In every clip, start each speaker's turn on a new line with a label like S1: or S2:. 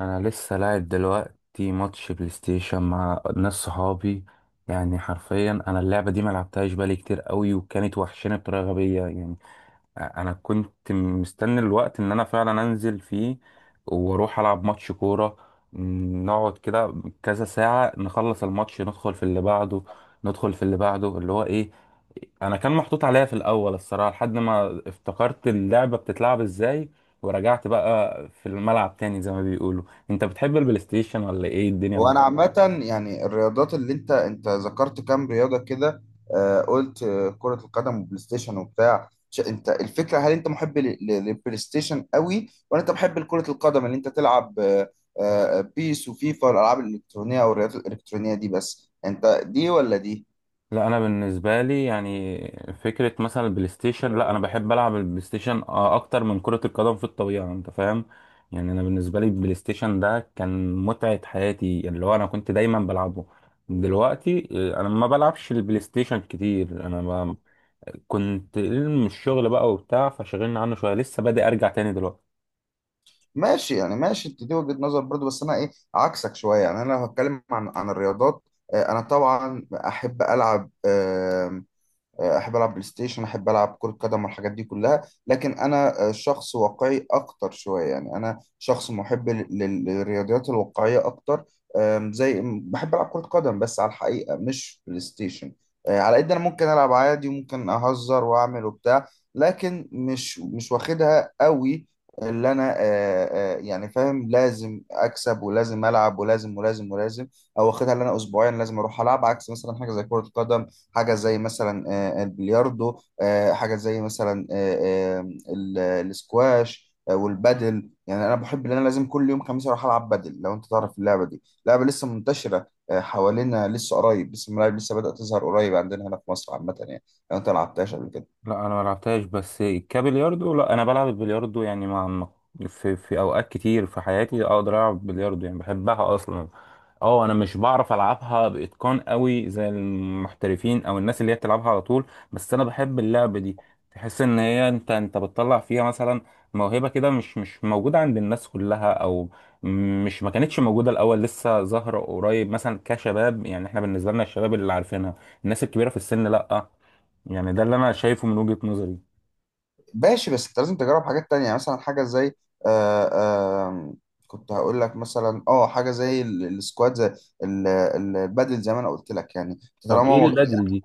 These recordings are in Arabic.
S1: انا لسه لاعب دلوقتي ماتش بلاي ستيشن مع ناس صحابي. يعني حرفيا انا اللعبه دي ما لعبتهاش بقالي كتير قوي، وكانت وحشانه بطريقه غبيه يعني. انا كنت مستني الوقت ان انا فعلا انزل فيه واروح العب ماتش كوره. نقعد كده كذا ساعه، نخلص الماتش ندخل في اللي بعده. ندخل في اللي بعده اللي هو ايه؟ انا كان محطوط عليا في الاول الصراحه لحد ما افتكرت اللعبه بتتلعب ازاي، ورجعت بقى في الملعب تاني زي ما بيقولوا. انت بتحب البلاي ستيشن ولا ايه الدنيا؟
S2: هو انا عامه يعني الرياضات اللي انت ذكرت كام رياضه كده. آه، قلت كره القدم وبلاي ستيشن وبتاع انت الفكره، هل انت محب للبلاي ستيشن قوي ولا انت محب لكره القدم اللي انت تلعب؟ بيس وفيفا والالعاب الالكترونيه او الرياضات الالكترونيه دي، بس انت دي ولا دي؟
S1: لا انا بالنسبه لي يعني فكره مثلا البلاي ستيشن، لا انا بحب العب البلاي ستيشن اكتر من كره القدم في الطبيعه، انت فاهم. يعني انا بالنسبه لي البلاي ستيشن ده كان متعه حياتي، يعني اللي هو انا كنت دايما بلعبه. دلوقتي انا ما بلعبش البلاي ستيشن كتير، كنت من الشغل بقى وبتاع، فشغلنا عنه شويه، لسه بادئ ارجع تاني دلوقتي.
S2: ماشي، يعني ماشي، انت دي وجهه نظر برضو، بس انا ايه عكسك شويه. يعني انا لو هتكلم عن الرياضات، انا طبعا احب العب، احب العب بلاي ستيشن، احب العب كرة قدم والحاجات دي كلها. لكن انا شخص واقعي اكتر شوية. يعني انا شخص محب للرياضيات الواقعية اكتر. زي بحب العب كرة قدم بس على الحقيقة، مش بلاي ستيشن. على قد انا ممكن العب عادي، وممكن اهزر واعمل وبتاع، لكن مش واخدها قوي. اللي انا يعني فاهم، لازم اكسب ولازم العب ولازم ولازم ولازم، او واخدها اللي انا اسبوعيا لازم اروح العب. عكس مثلا حاجه زي كره قدم، حاجة زي مثلا البلياردو، حاجة زي مثلا الاسكواش، والبادل. يعني انا بحب ان انا لازم كل يوم خميس اروح العب بادل. لو انت تعرف اللعبة دي، لعبة لسه منتشرة حوالينا لسه قريب، لسه الملاعب لسه بدأت تظهر قريب عندنا هنا في مصر عامة يعني، لو انت ما لعبتهاش قبل كده.
S1: لا انا ما لعبتهاش، بس كبلياردو لا انا بلعب البلياردو، يعني في اوقات كتير في حياتي اقدر العب بلياردو، يعني بحبها اصلا. اه انا مش بعرف العبها باتقان قوي زي المحترفين او الناس اللي هي بتلعبها على طول، بس انا بحب اللعبه دي. تحس ان هي انت بتطلع فيها مثلا موهبه كده مش موجوده عند الناس كلها، او مش ما كانتش موجوده الاول، لسه ظاهره قريب مثلا كشباب. يعني احنا بالنسبه لنا الشباب اللي عارفينها، الناس الكبيره في السن لا. يعني ده اللي انا شايفه من وجهة نظري.
S2: ماشي، بس انت لازم تجرب حاجات تانية. يعني مثلا حاجة زي آه، آه، كنت هقول لك مثلا اه حاجة زي السكواد، زي البادل، زي ما انا قلت لك يعني.
S1: طب
S2: طالما
S1: ايه
S2: ما
S1: البدل دي؟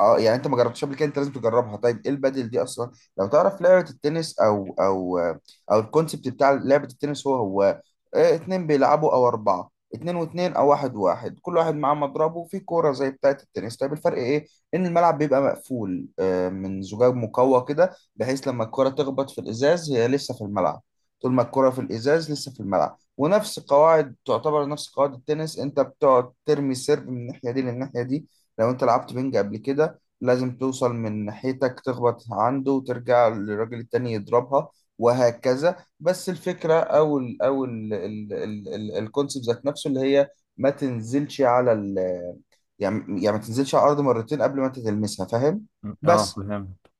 S2: اه يعني انت ما جربتش قبل كده، انت لازم تجربها. طيب ايه البادل دي اصلا؟ لو تعرف لعبه التنس، او الكونسبت بتاع لعبه التنس، هو اتنين بيلعبوا او اربعه، اتنين واتنين او واحد واحد، كل واحد معاه مضربه وفي كوره زي بتاعه التنس. طيب الفرق ايه؟ ان الملعب بيبقى مقفول من زجاج مقوى كده، بحيث لما الكوره تخبط في الازاز هي لسه في الملعب. طول ما الكرة في الإزاز لسه في الملعب، ونفس قواعد، تعتبر نفس قواعد التنس. أنت بتقعد ترمي سيرف من الناحية دي للناحية دي. لو أنت لعبت بينج قبل كده، لازم توصل من ناحيتك تخبط عنده وترجع للراجل التاني يضربها، وهكذا. بس الفكرة أو الكونسيبت ذات نفسه اللي هي ما تنزلش على ال يعني ما تنزلش على الأرض مرتين قبل ما أنت تلمسها، فاهم؟
S1: اه
S2: بس.
S1: فهمت.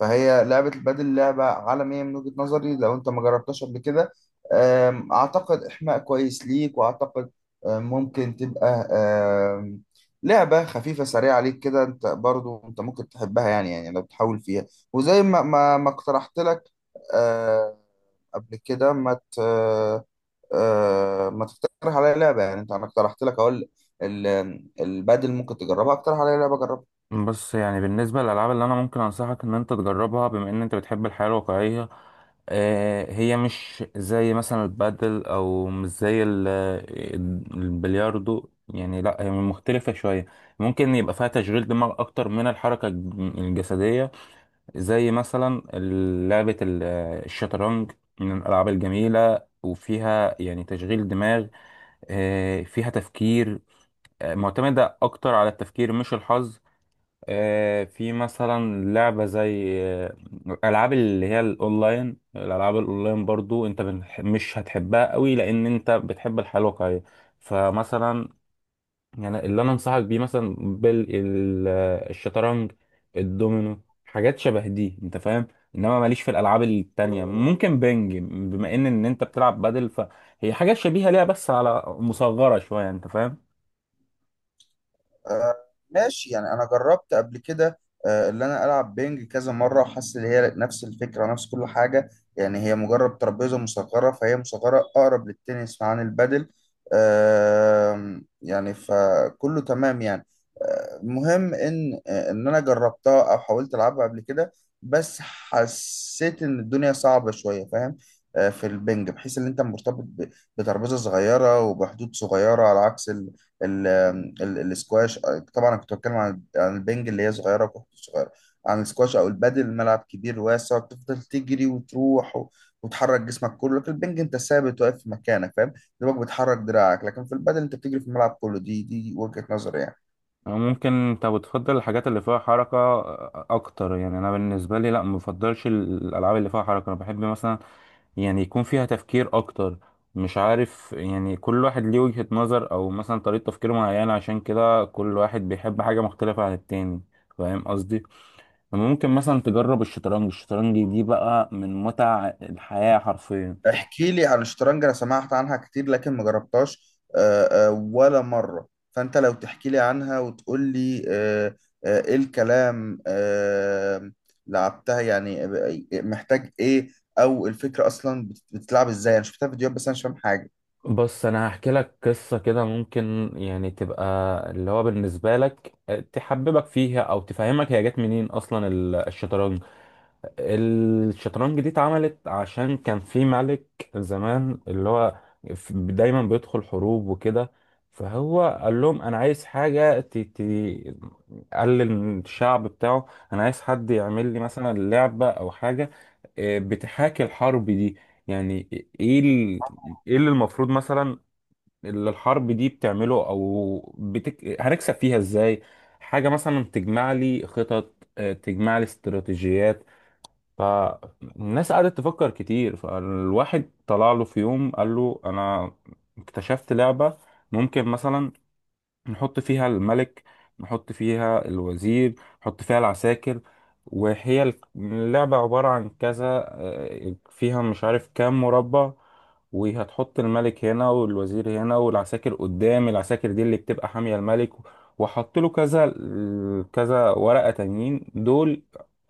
S2: فهي لعبة البادل لعبة عالمية من وجهة نظري، لو انت ما جربتهاش قبل كده. اعتقد احماء كويس ليك، واعتقد ممكن تبقى لعبة خفيفة سريعة عليك كده، انت برضو انت ممكن تحبها يعني، يعني لو تحاول فيها. وزي ما ما اقترحت لك أم، قبل كده ما ت... آه، ما تقترح عليا لعبة يعني، انت، انا اقترحت لك، اقول البادل ممكن تجربها، اقترح عليا لعبة جربها.
S1: بص، يعني بالنسبة للألعاب اللي أنا ممكن أنصحك إن أنت تجربها، بما إن أنت بتحب الحياة الواقعية، هي مش زي مثلا البادل أو مش زي البلياردو، يعني لأ هي مختلفة شوية. ممكن يبقى فيها تشغيل دماغ أكتر من الحركة الجسدية، زي مثلا لعبة الشطرنج. من الألعاب الجميلة، وفيها يعني تشغيل دماغ، فيها تفكير، معتمدة أكتر على التفكير مش الحظ. في مثلا لعبة زي ألعاب اللي هي الأونلاين، الألعاب الأونلاين برضو أنت مش هتحبها قوي لأن أنت بتحب الحياة الواقعية. فمثلا يعني اللي أنا أنصحك بيه مثلا بالشطرنج، الدومينو، حاجات شبه دي أنت فاهم. انما ماليش في الالعاب التانية. ممكن بنج، بما ان انت بتلعب بدل، فهي حاجات شبيهة ليها بس على مصغرة شوية، انت فاهم.
S2: آه، ماشي، يعني انا جربت قبل كده. اللي انا العب بينج كذا مره، وحاسس ان هي نفس الفكره، نفس كل حاجه. يعني هي مجرد ترابيزه مصغره، فهي مصغره اقرب للتنس عن البادل. يعني فكله تمام يعني. مهم ان ان انا جربتها او حاولت العبها قبل كده، بس حسيت ان الدنيا صعبه شويه، فاهم؟ في البنج بحيث ان انت مرتبط بترابيزه صغيره وبحدود صغيره، على عكس ال- السكواش. طبعا انا كنت بتكلم عن البنج اللي هي صغيره وكحه صغيره، عن السكواش او البادل الملعب كبير واسع، بتفضل تجري وتروح وتحرك جسمك كله. لكن البنج انت ثابت واقف في مكانك، فاهم؟ دماغك بتحرك دراعك. لكن في البادل انت بتجري في الملعب كله. دي وجهه نظري يعني.
S1: ممكن انت بتفضل الحاجات اللي فيها حركة اكتر. يعني انا بالنسبة لي لا مفضلش الالعاب اللي فيها حركة، انا بحب مثلا يعني يكون فيها تفكير اكتر. مش عارف، يعني كل واحد ليه وجهة نظر او مثلا طريقة تفكير معينة، عشان كده كل واحد بيحب حاجة مختلفة عن التاني، فاهم قصدي. ممكن مثلا تجرب الشطرنج. الشطرنج دي بقى من متع الحياة حرفيا.
S2: احكي لي عن الشطرنج، انا سمعت عنها كتير لكن ما جربتهاش ولا مرة. فانت لو تحكي لي عنها وتقول لي ايه الكلام، لعبتها يعني محتاج ايه، او الفكرة اصلا بتتلعب ازاي؟ انا شفتها فيديوهات بس انا مش فاهم حاجة.
S1: بص انا هحكي لك قصه كده، ممكن يعني تبقى اللي هو بالنسبه لك تحببك فيها او تفهمك هي جت منين اصلا الشطرنج. الشطرنج دي اتعملت عشان كان في ملك زمان، اللي هو دايما بيدخل حروب وكده. فهو قال لهم انا عايز حاجه قال للشعب بتاعه انا عايز حد يعمل لي مثلا لعبه او حاجه بتحاكي الحرب دي. يعني ايه ايه اللي المفروض مثلا اللي الحرب دي بتعمله، او هنكسب فيها ازاي؟ حاجة مثلا تجمع لي خطط، تجمع لي استراتيجيات. فالناس قعدت تفكر كتير، فالواحد طلع له في يوم قال له انا اكتشفت لعبة ممكن مثلا نحط فيها الملك، نحط فيها الوزير، نحط فيها العساكر، وهي اللعبة عبارة عن كذا، فيها مش عارف كام مربع، وهتحط الملك هنا والوزير هنا والعساكر قدام. العساكر دي اللي بتبقى حامية الملك، وحط له كذا كذا ورقة تانيين دول،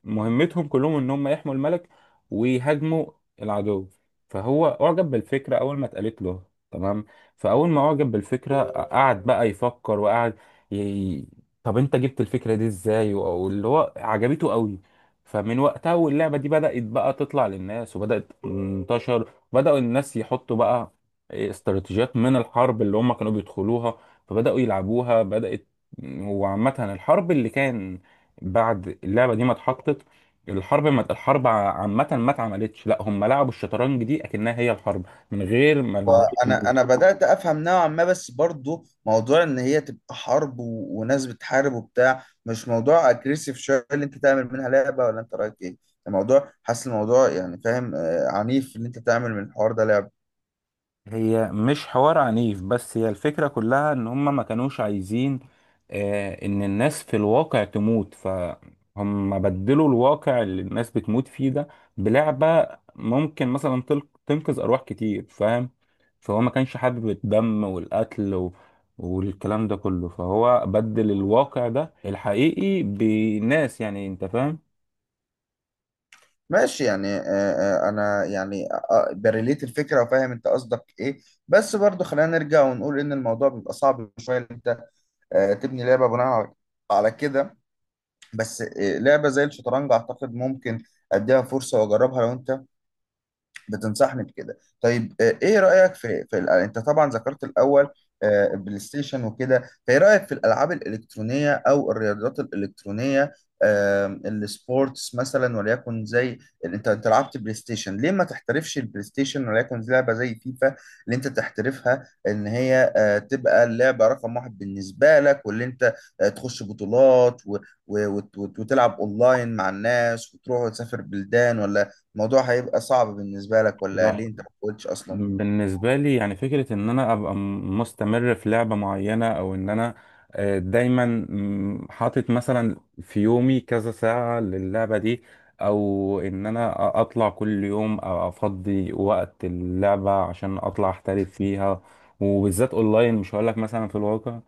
S1: مهمتهم كلهم ان هم يحموا الملك ويهاجموا العدو. فهو اعجب بالفكرة اول ما اتقالت له، تمام. فاول ما اعجب بالفكره قعد بقى يفكر، ي... طب انت جبت الفكره دي ازاي؟ واللي هو عجبته قوي. فمن وقتها واللعبه دي بدات بقى تطلع للناس وبدات تنتشر، بداوا الناس يحطوا بقى استراتيجيات من الحرب اللي هم كانوا بيدخلوها، فبداوا يلعبوها بدات. وعامه الحرب اللي كان بعد اللعبه دي ما اتحطت، الحرب عامه ما اتعملتش، لا هم لعبوا الشطرنج دي اكنها هي الحرب من غير ما.
S2: وانا بدات افهم نوعا ما، بس برضو موضوع ان هي تبقى حرب وناس بتحارب وبتاع، مش موضوع اجريسيف شويه اللي انت تعمل منها لعبه، ولا انت رايك ايه؟ الموضوع، حاسس الموضوع يعني فاهم آه عنيف، اللي انت تعمل من الحوار ده لعبه.
S1: هي مش حوار عنيف، بس هي الفكرة كلها ان هم ما كانوش عايزين ان الناس في الواقع تموت، فهم بدلوا الواقع اللي الناس بتموت فيه ده بلعبة. ممكن مثلا تنقذ ارواح كتير، فاهم. فهو ما كانش حابب الدم والقتل والكلام ده كله، فهو بدل الواقع ده الحقيقي بناس، يعني انت فاهم.
S2: ماشي يعني آه آه انا يعني آه آه، بريليت الفكره وفاهم انت قصدك ايه، بس برضو خلينا نرجع ونقول ان الموضوع بيبقى صعب شويه ان انت تبني لعبه بناء على على كده. بس لعبه زي الشطرنج اعتقد ممكن اديها فرصه واجربها، لو انت بتنصحني بكده. طيب ايه رأيك في انت طبعا ذكرت الاول البلاي ستيشن وكده، فايه رأيك في الالعاب الالكترونية او الرياضات الالكترونية؟ السبورتس مثلا، وليكن زي انت لعبت بلاي ستيشن، ليه ما تحترفش البلاي ستيشن، وليكن زي لعبة زي فيفا اللي انت تحترفها، ان هي تبقى اللعبة رقم واحد بالنسبة لك، واللي انت تخش بطولات وتلعب اونلاين مع الناس، وتروح وتسافر بلدان، ولا الموضوع هيبقى صعب بالنسبة لك، ولا
S1: لا،
S2: ليه انت ما قلتش اصلا؟
S1: بالنسبة لي يعني فكرة إن أنا أبقى مستمر في لعبة معينة، أو إن أنا دايما حاطط مثلا في يومي كذا ساعة للعبة دي، أو إن أنا أطلع كل يوم أو أفضي وقت اللعبة عشان أطلع أحترف فيها، وبالذات أونلاين مش هقولك مثلا في الواقع.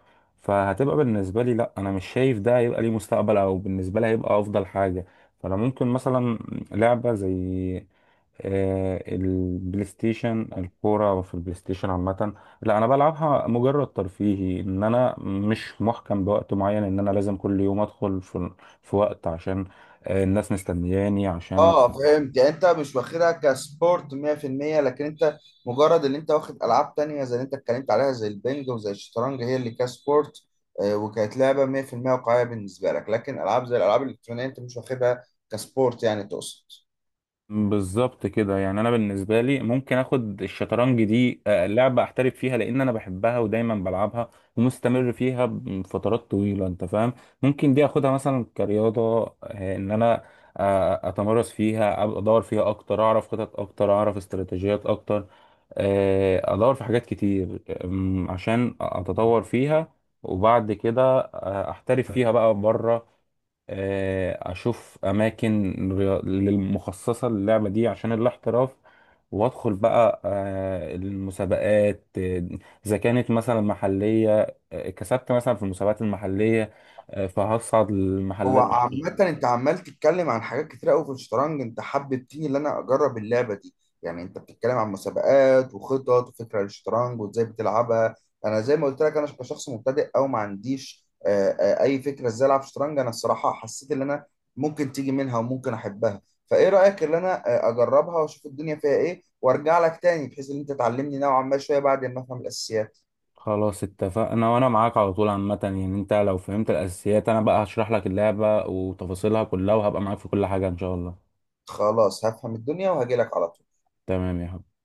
S1: فهتبقى بالنسبة لي لأ، أنا مش شايف ده هيبقى ليه مستقبل، أو بالنسبة لي هيبقى أفضل حاجة. فأنا ممكن مثلا لعبة زي البلاي ستيشن، الكورة في البلاي ستيشن عامة، لا أنا بلعبها مجرد ترفيهي، إن أنا مش محكم بوقت معين إن أنا لازم كل يوم أدخل في وقت عشان الناس مستنياني عشان.
S2: اه فهمت، يعني انت مش واخدها كسبورت 100% لكن انت مجرد ان انت واخد العاب تانية زي اللي انت اتكلمت عليها، زي البنج وزي الشطرنج، هي اللي كسبورت وكانت لعبة 100% واقعية بالنسبة لك. لكن العاب زي الالعاب الالكترونية انت مش واخدها كسبورت، يعني تقصد.
S1: بالظبط كده، يعني انا بالنسبه لي ممكن اخد الشطرنج دي لعبه احترف فيها، لان انا بحبها ودايما بلعبها ومستمر فيها فترات طويله انت فاهم. ممكن دي اخدها مثلا كرياضه، ان انا اتمرس فيها، أبقى ادور فيها اكتر، اعرف خطط اكتر، اعرف استراتيجيات اكتر، ادور في حاجات كتير، عشان اتطور فيها. وبعد كده احترف فيها بقى بره، اشوف اماكن للمخصصه للعبه دي عشان الاحتراف، وادخل بقى المسابقات، اذا كانت مثلا محليه، كسبت مثلا في المسابقات المحليه، فهصعد
S2: هو
S1: للمحلات دي.
S2: عامة انت عمال تتكلم عن حاجات كتير قوي في الشطرنج، انت حببتني ان انا اجرب اللعبة دي. يعني انت بتتكلم عن مسابقات وخطط وفكرة للشطرنج، وازاي بتلعبها. انا زي ما قلت لك، انا كشخص مبتدئ او ما عنديش اي فكرة ازاي العب شطرنج، انا الصراحة حسيت ان انا ممكن تيجي منها وممكن احبها. فايه رأيك ان انا اجربها واشوف الدنيا فيها ايه، وارجع لك تاني بحيث ان انت تعلمني نوعا ما شوية بعد ما افهم الاساسيات.
S1: خلاص اتفقنا، وانا معاك على طول عامه. يعني انت لو فهمت الاساسيات، انا بقى هشرح لك اللعبه وتفاصيلها كلها، وهبقى معاك في كل حاجه ان شاء الله.
S2: خلاص، هفهم الدنيا وهجي لك على طول.
S1: تمام يا حبيبي.